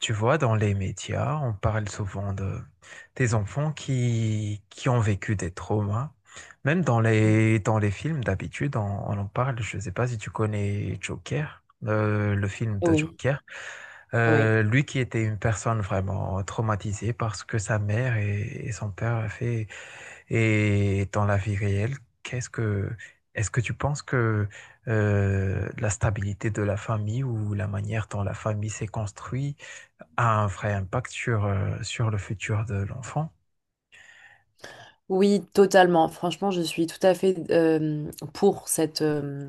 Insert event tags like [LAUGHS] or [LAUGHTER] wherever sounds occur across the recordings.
Tu vois, dans les médias, on parle souvent de des enfants qui ont vécu des traumas. Même dans Mm. les, dans les films, d'habitude, on en parle. Je ne sais pas si tu connais Joker, le film de Oui, Joker. oui. Lui qui était une personne vraiment traumatisée parce que sa mère et son père a fait, et dans la vie réelle, qu'est-ce que, est-ce que tu penses que la stabilité de la famille ou la manière dont la famille s'est construite a un vrai impact sur, sur le futur de l'enfant Oui, totalement. Franchement, je suis tout à fait pour cette,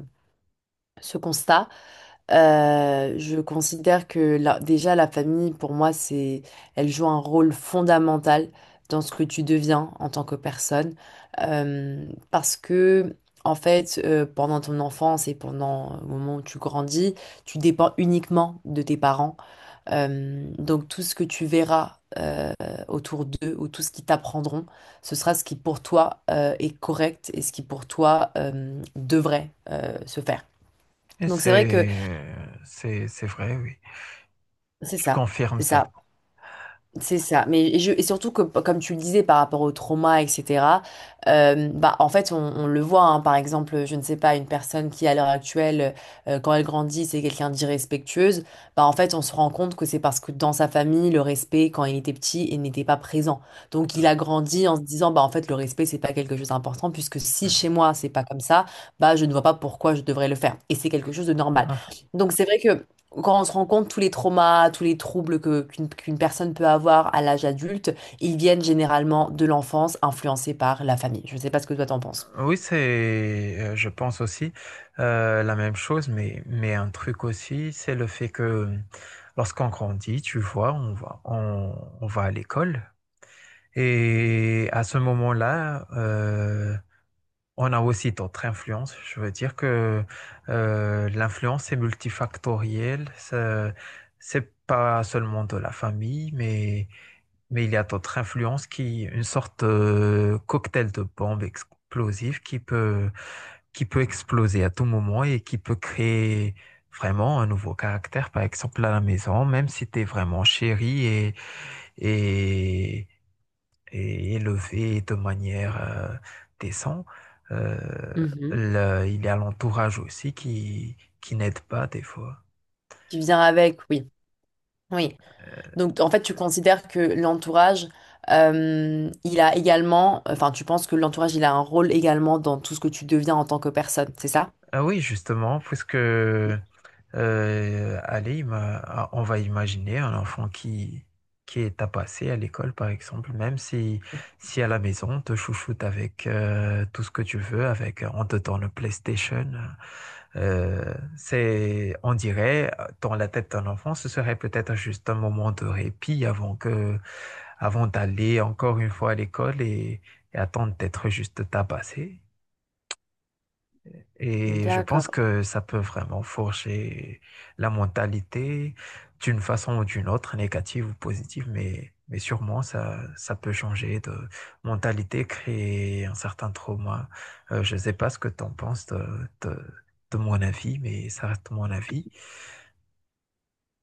ce constat. Je considère que déjà la famille, pour moi, elle joue un rôle fondamental dans ce que tu deviens en tant que personne. Parce que, en fait, pendant ton enfance et pendant le moment où tu grandis, tu dépends uniquement de tes parents. Donc tout ce que tu verras autour d'eux ou tout ce qu'ils t'apprendront, ce sera ce qui pour toi est correct et ce qui pour toi devrait se faire. et Donc c'est vrai que c'est, c'est vrai, oui. c'est Je ça, confirme c'est ça. ça. C'est ça. Mais je, et surtout que, comme tu le disais, par rapport au trauma, etc., bah, en fait, on le voit, hein. Par exemple, je ne sais pas, une personne qui, à l'heure actuelle, quand elle grandit, c'est quelqu'un d'irrespectueuse, bah, en fait, on se rend compte que c'est parce que dans sa famille, le respect, quand il était petit, il n'était pas présent. Donc, il Heu, a grandi en se disant, bah, en fait, le respect, c'est pas quelque chose d'important, puisque si chez mmh, moi, c'est pas comme ça, bah, je ne vois pas pourquoi je devrais le faire. Et c'est quelque chose de normal. Donc, c'est vrai que quand on se rend compte tous les traumas, tous les troubles que, qu'une personne peut avoir à l'âge adulte, ils viennent généralement de l'enfance, influencés par la famille. Je ne sais pas ce que toi t'en penses. oui, c'est, je pense aussi, la même chose, mais un truc aussi, c'est le fait que, lorsqu'on grandit, tu vois, on va à l'école et à ce moment-là, on a aussi d'autres influences. Je veux dire que l'influence est multifactorielle. Ce c'est pas seulement de la famille, mais il y a d'autres influences qui, une sorte de cocktail de bombe explosive qui peut exploser à tout moment et qui peut créer vraiment un nouveau caractère, par exemple à la maison, même si tu es vraiment chéri et et élevé de manière décente. Euh, Mhm. Il y a l'entourage aussi qui n'aide pas des fois. Qui vient avec, oui. Oui. Donc en fait, tu considères que l'entourage, il a également, enfin, tu penses que l'entourage, il a un rôle également dans tout ce que tu deviens en tant que personne, c'est ça? Ah oui, justement, puisque allez, on va imaginer un enfant qui est tabassé à l'école, par exemple, même si, si à la maison, on te chouchoute avec tout ce que tu veux, avec, on te donne le PlayStation. C'est, on dirait, dans la tête d'un enfant, ce serait peut-être juste un moment de répit avant que, avant d'aller encore une fois à l'école et attendre d'être juste tabassé. Et je pense D'accord. que ça peut vraiment forger la mentalité d'une façon ou d'une autre, négative ou positive, mais sûrement ça, ça peut changer de mentalité, créer un certain trauma. Je ne sais pas ce que tu en penses de, de, de mon avis, mais ça reste mon avis.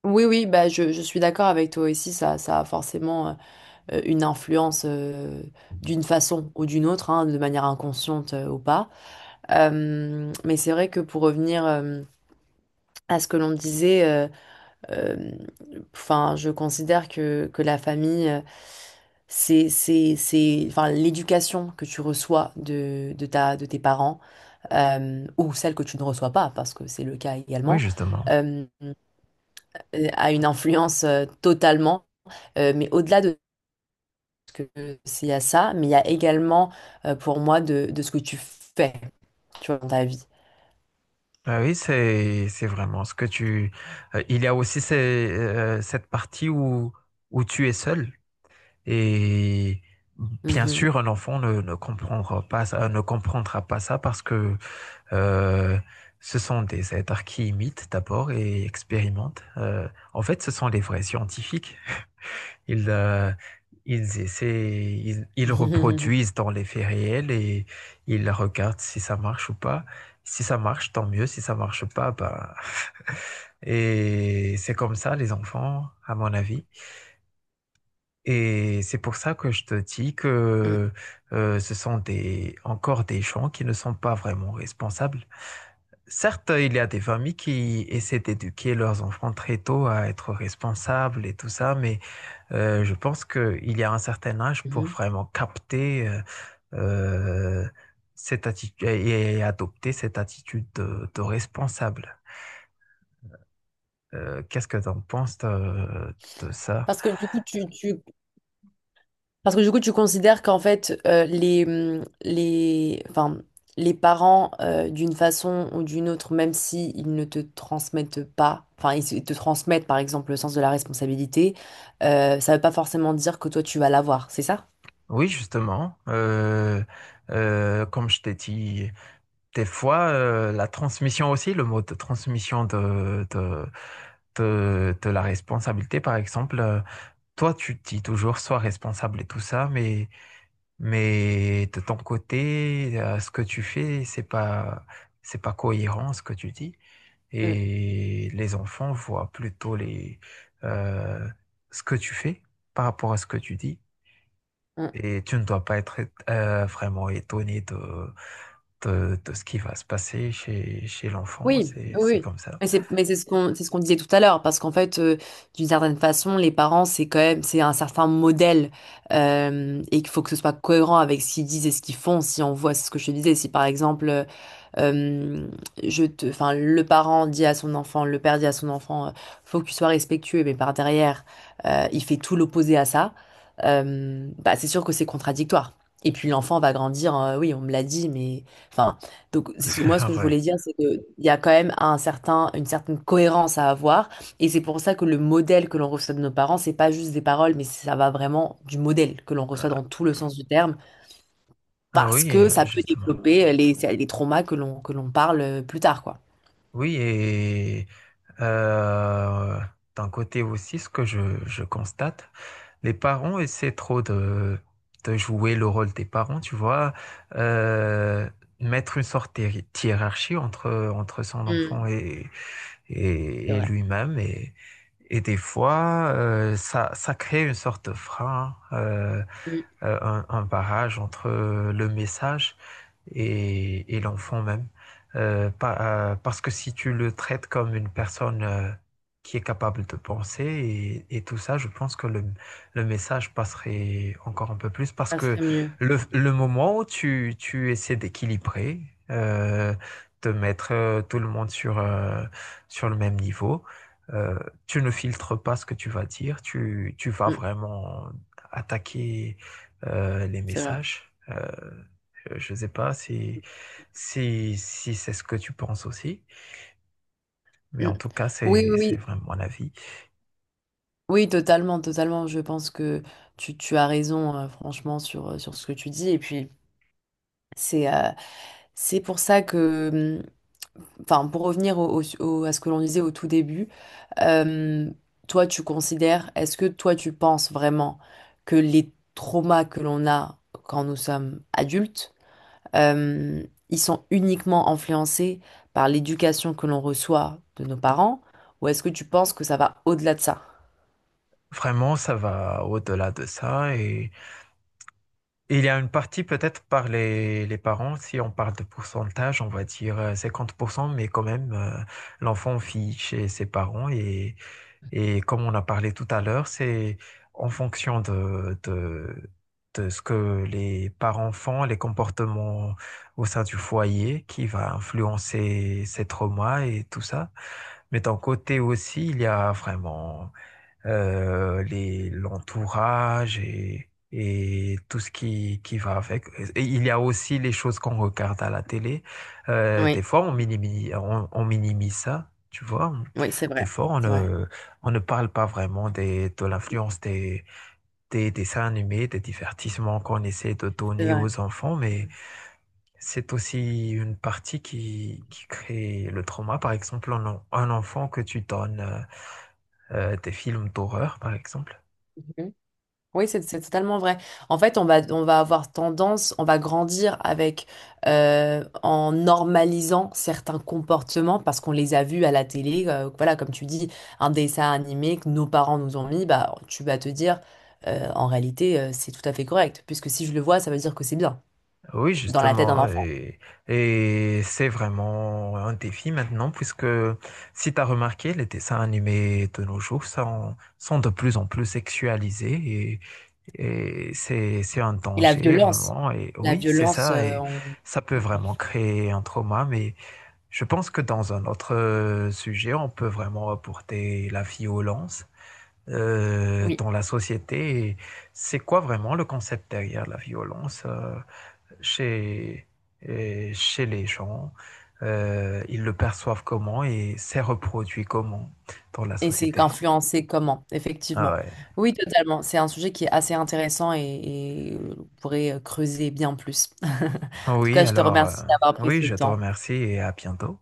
Oui, oui, bah je suis d'accord avec toi aussi, ça a forcément. Une influence d'une façon ou d'une autre, hein, de manière inconsciente ou pas. Mais c'est vrai que pour revenir à ce que l'on disait, euh, enfin, je considère que la famille, c'est, enfin, l'éducation que tu reçois de ta, de tes parents, ou celle que tu ne reçois pas, parce que c'est le cas Oui, également, justement. euh, a une influence totalement. Mais au-delà de que c'est à ça, mais il y a également pour moi de ce que tu fais, tu vois, dans ta vie. Ah oui, c'est vraiment ce que tu... il y a aussi cette partie où, où tu es seul. Et bien Mhm. sûr, un enfant ne comprendra pas ça, ne comprendra pas ça parce que euh, ce sont des êtres qui imitent d'abord et expérimentent. En fait, ce sont les vrais scientifiques. Ils, euh, ils essaient, ils [LAUGHS] reproduisent dans les faits réels et ils regardent si ça marche ou pas. Si ça marche, tant mieux. Si ça marche pas, bah... [LAUGHS] Et c'est comme ça, les enfants, à mon avis. Et c'est pour ça que je te dis Mm, que ce sont encore des gens qui ne sont pas vraiment responsables. Certes, il y a des familles qui essaient d'éduquer leurs enfants très tôt à être responsables et tout ça, mais je pense qu'il y a un certain âge pour mhm. vraiment capter euh, cette attitude et adopter cette attitude de responsable. Qu'est-ce que tu en penses de ça? Parce que du coup, tu, tu- Parce que du coup, tu considères qu'en fait, les, enfin, les parents, d'une façon ou d'une autre, même si ils ne te transmettent pas, enfin, ils te transmettent, par exemple, le sens de la responsabilité, ça ne veut pas forcément dire que toi, tu vas l'avoir, c'est ça? Oui, justement. Comme je t'ai dit, des fois, la transmission aussi, le mode de transmission de la responsabilité, par exemple, toi, tu te dis toujours sois responsable et tout ça, mais de ton côté, ce que tu fais, c'est pas cohérent ce que tu dis. Mm, Et les enfants voient plutôt euh, ce que tu fais par rapport à ce que tu dis. mm, Et tu ne dois pas être vraiment étonné de, de ce qui va se passer chez, chez l'enfant. oui, oui. C'est Oui. comme ça. Mais c'est ce qu'on disait tout à l'heure, parce qu'en fait, d'une certaine façon, les parents, c'est quand même, c'est un certain modèle, et qu'il faut que ce soit cohérent avec ce qu'ils disent et ce qu'ils font. Si on voit, c'est ce que je te disais, si par exemple, euh, je te, enfin, le parent dit à son enfant, le père dit à son enfant, faut que tu sois respectueux, mais par derrière, il fait tout l'opposé à ça, bah, c'est sûr que c'est contradictoire. Et puis l'enfant va grandir, oui, on me l'a dit, mais, enfin. Donc, c'est ce que moi, ce que [LAUGHS] je Ouais. voulais dire, c'est qu'il y a quand même un certain, une certaine cohérence à avoir. Et c'est pour ça que le modèle que l'on reçoit de nos parents, c'est pas juste des paroles, mais ça va vraiment du modèle que l'on Euh, reçoit dans tout le sens du terme, ah parce oui, que ça peut justement. développer les traumas que l'on parle plus tard, quoi. Oui, et euh, d'un côté aussi, ce que je constate, les parents essaient trop de jouer le rôle des parents, tu vois, euh, mettre une sorte hiérarchie entre, entre son enfant Mm, et, c'est et vrai. lui-même. Et des fois, ça crée une sorte de frein, Mm, un barrage entre le message et l'enfant même. Parce que si tu le traites comme une personne qui est capable de penser et tout ça, je pense que le message passerait encore un peu plus parce ça que serait mieux. Le moment où tu essaies d'équilibrer, euh, de mettre tout le monde sur, sur le même niveau, euh, tu ne filtres pas ce que tu vas dire, tu vas Mm, vraiment attaquer les c'est vrai. messages. Je ne sais pas si, si c'est ce que tu penses aussi, mais Mm. en tout cas, Oui, oui, c'est oui. vraiment mon avis. Oui, totalement, totalement. Je pense que tu as raison, franchement, sur, sur ce que tu dis. Et puis, c'est euh, c'est pour ça que. Mmh, enfin, pour revenir à ce que l'on disait au tout début, euh, toi, tu considères, est-ce que toi, tu penses vraiment que les traumas que l'on a quand nous sommes adultes, euh, ils sont uniquement influencés par l'éducation que l'on reçoit de nos parents, ou est-ce que tu penses que ça va au-delà de ça? Vraiment, ça va au-delà de ça. Et il y a une partie peut-être par les parents, si on parle de pourcentage, on va dire 50%, mais quand même, l'enfant fiche chez ses parents et comme on a parlé tout à l'heure, c'est en fonction de ce que les parents font, les comportements au sein du foyer qui va influencer ces traumas et tout ça. Mais d'un côté aussi, il y a vraiment l'entourage et tout ce qui va avec. Et il y a aussi les choses qu'on regarde à la télé. Des Oui, fois, on minimise, on minimise ça, tu vois. oui, c'est Des vrai, fois, c'est vrai, on ne parle pas vraiment des, de l'influence des dessins animés, des divertissements qu'on essaie de c'est donner vrai. aux enfants, mais c'est aussi une partie qui crée le trauma. Par exemple, un enfant que tu donnes des films d'horreur, par exemple. Oui, c'est totalement vrai. En fait, on va avoir tendance, on va grandir avec, en normalisant certains comportements parce qu'on les a vus à la télé. Euh, voilà, comme tu dis, un dessin animé que nos parents nous ont mis, bah, tu vas te dire, en réalité, c'est tout à fait correct. Puisque si je le vois, ça veut dire que c'est bien, Oui, dans la tête d'un justement, enfant. Et c'est vraiment un défi maintenant, puisque si tu as remarqué, les dessins animés de nos jours sont, sont de plus en plus sexualisés et c'est un Et danger vraiment. Et la oui, c'est violence, ça, et ça peut vraiment créer un trauma, mais je pense que dans un autre sujet, on peut vraiment apporter la violence oui. dans la société. Et c'est quoi vraiment le concept derrière la violence? Chez, Chez les gens, ils le perçoivent comment et c'est reproduit comment dans la Et c'est société. influencé comment, Ah effectivement. ouais. Oui, totalement. C'est un sujet qui est assez intéressant et on pourrait creuser bien plus. [LAUGHS] En tout Oui, cas, je te alors, remercie d'avoir pris oui, ce je te temps. remercie et à bientôt.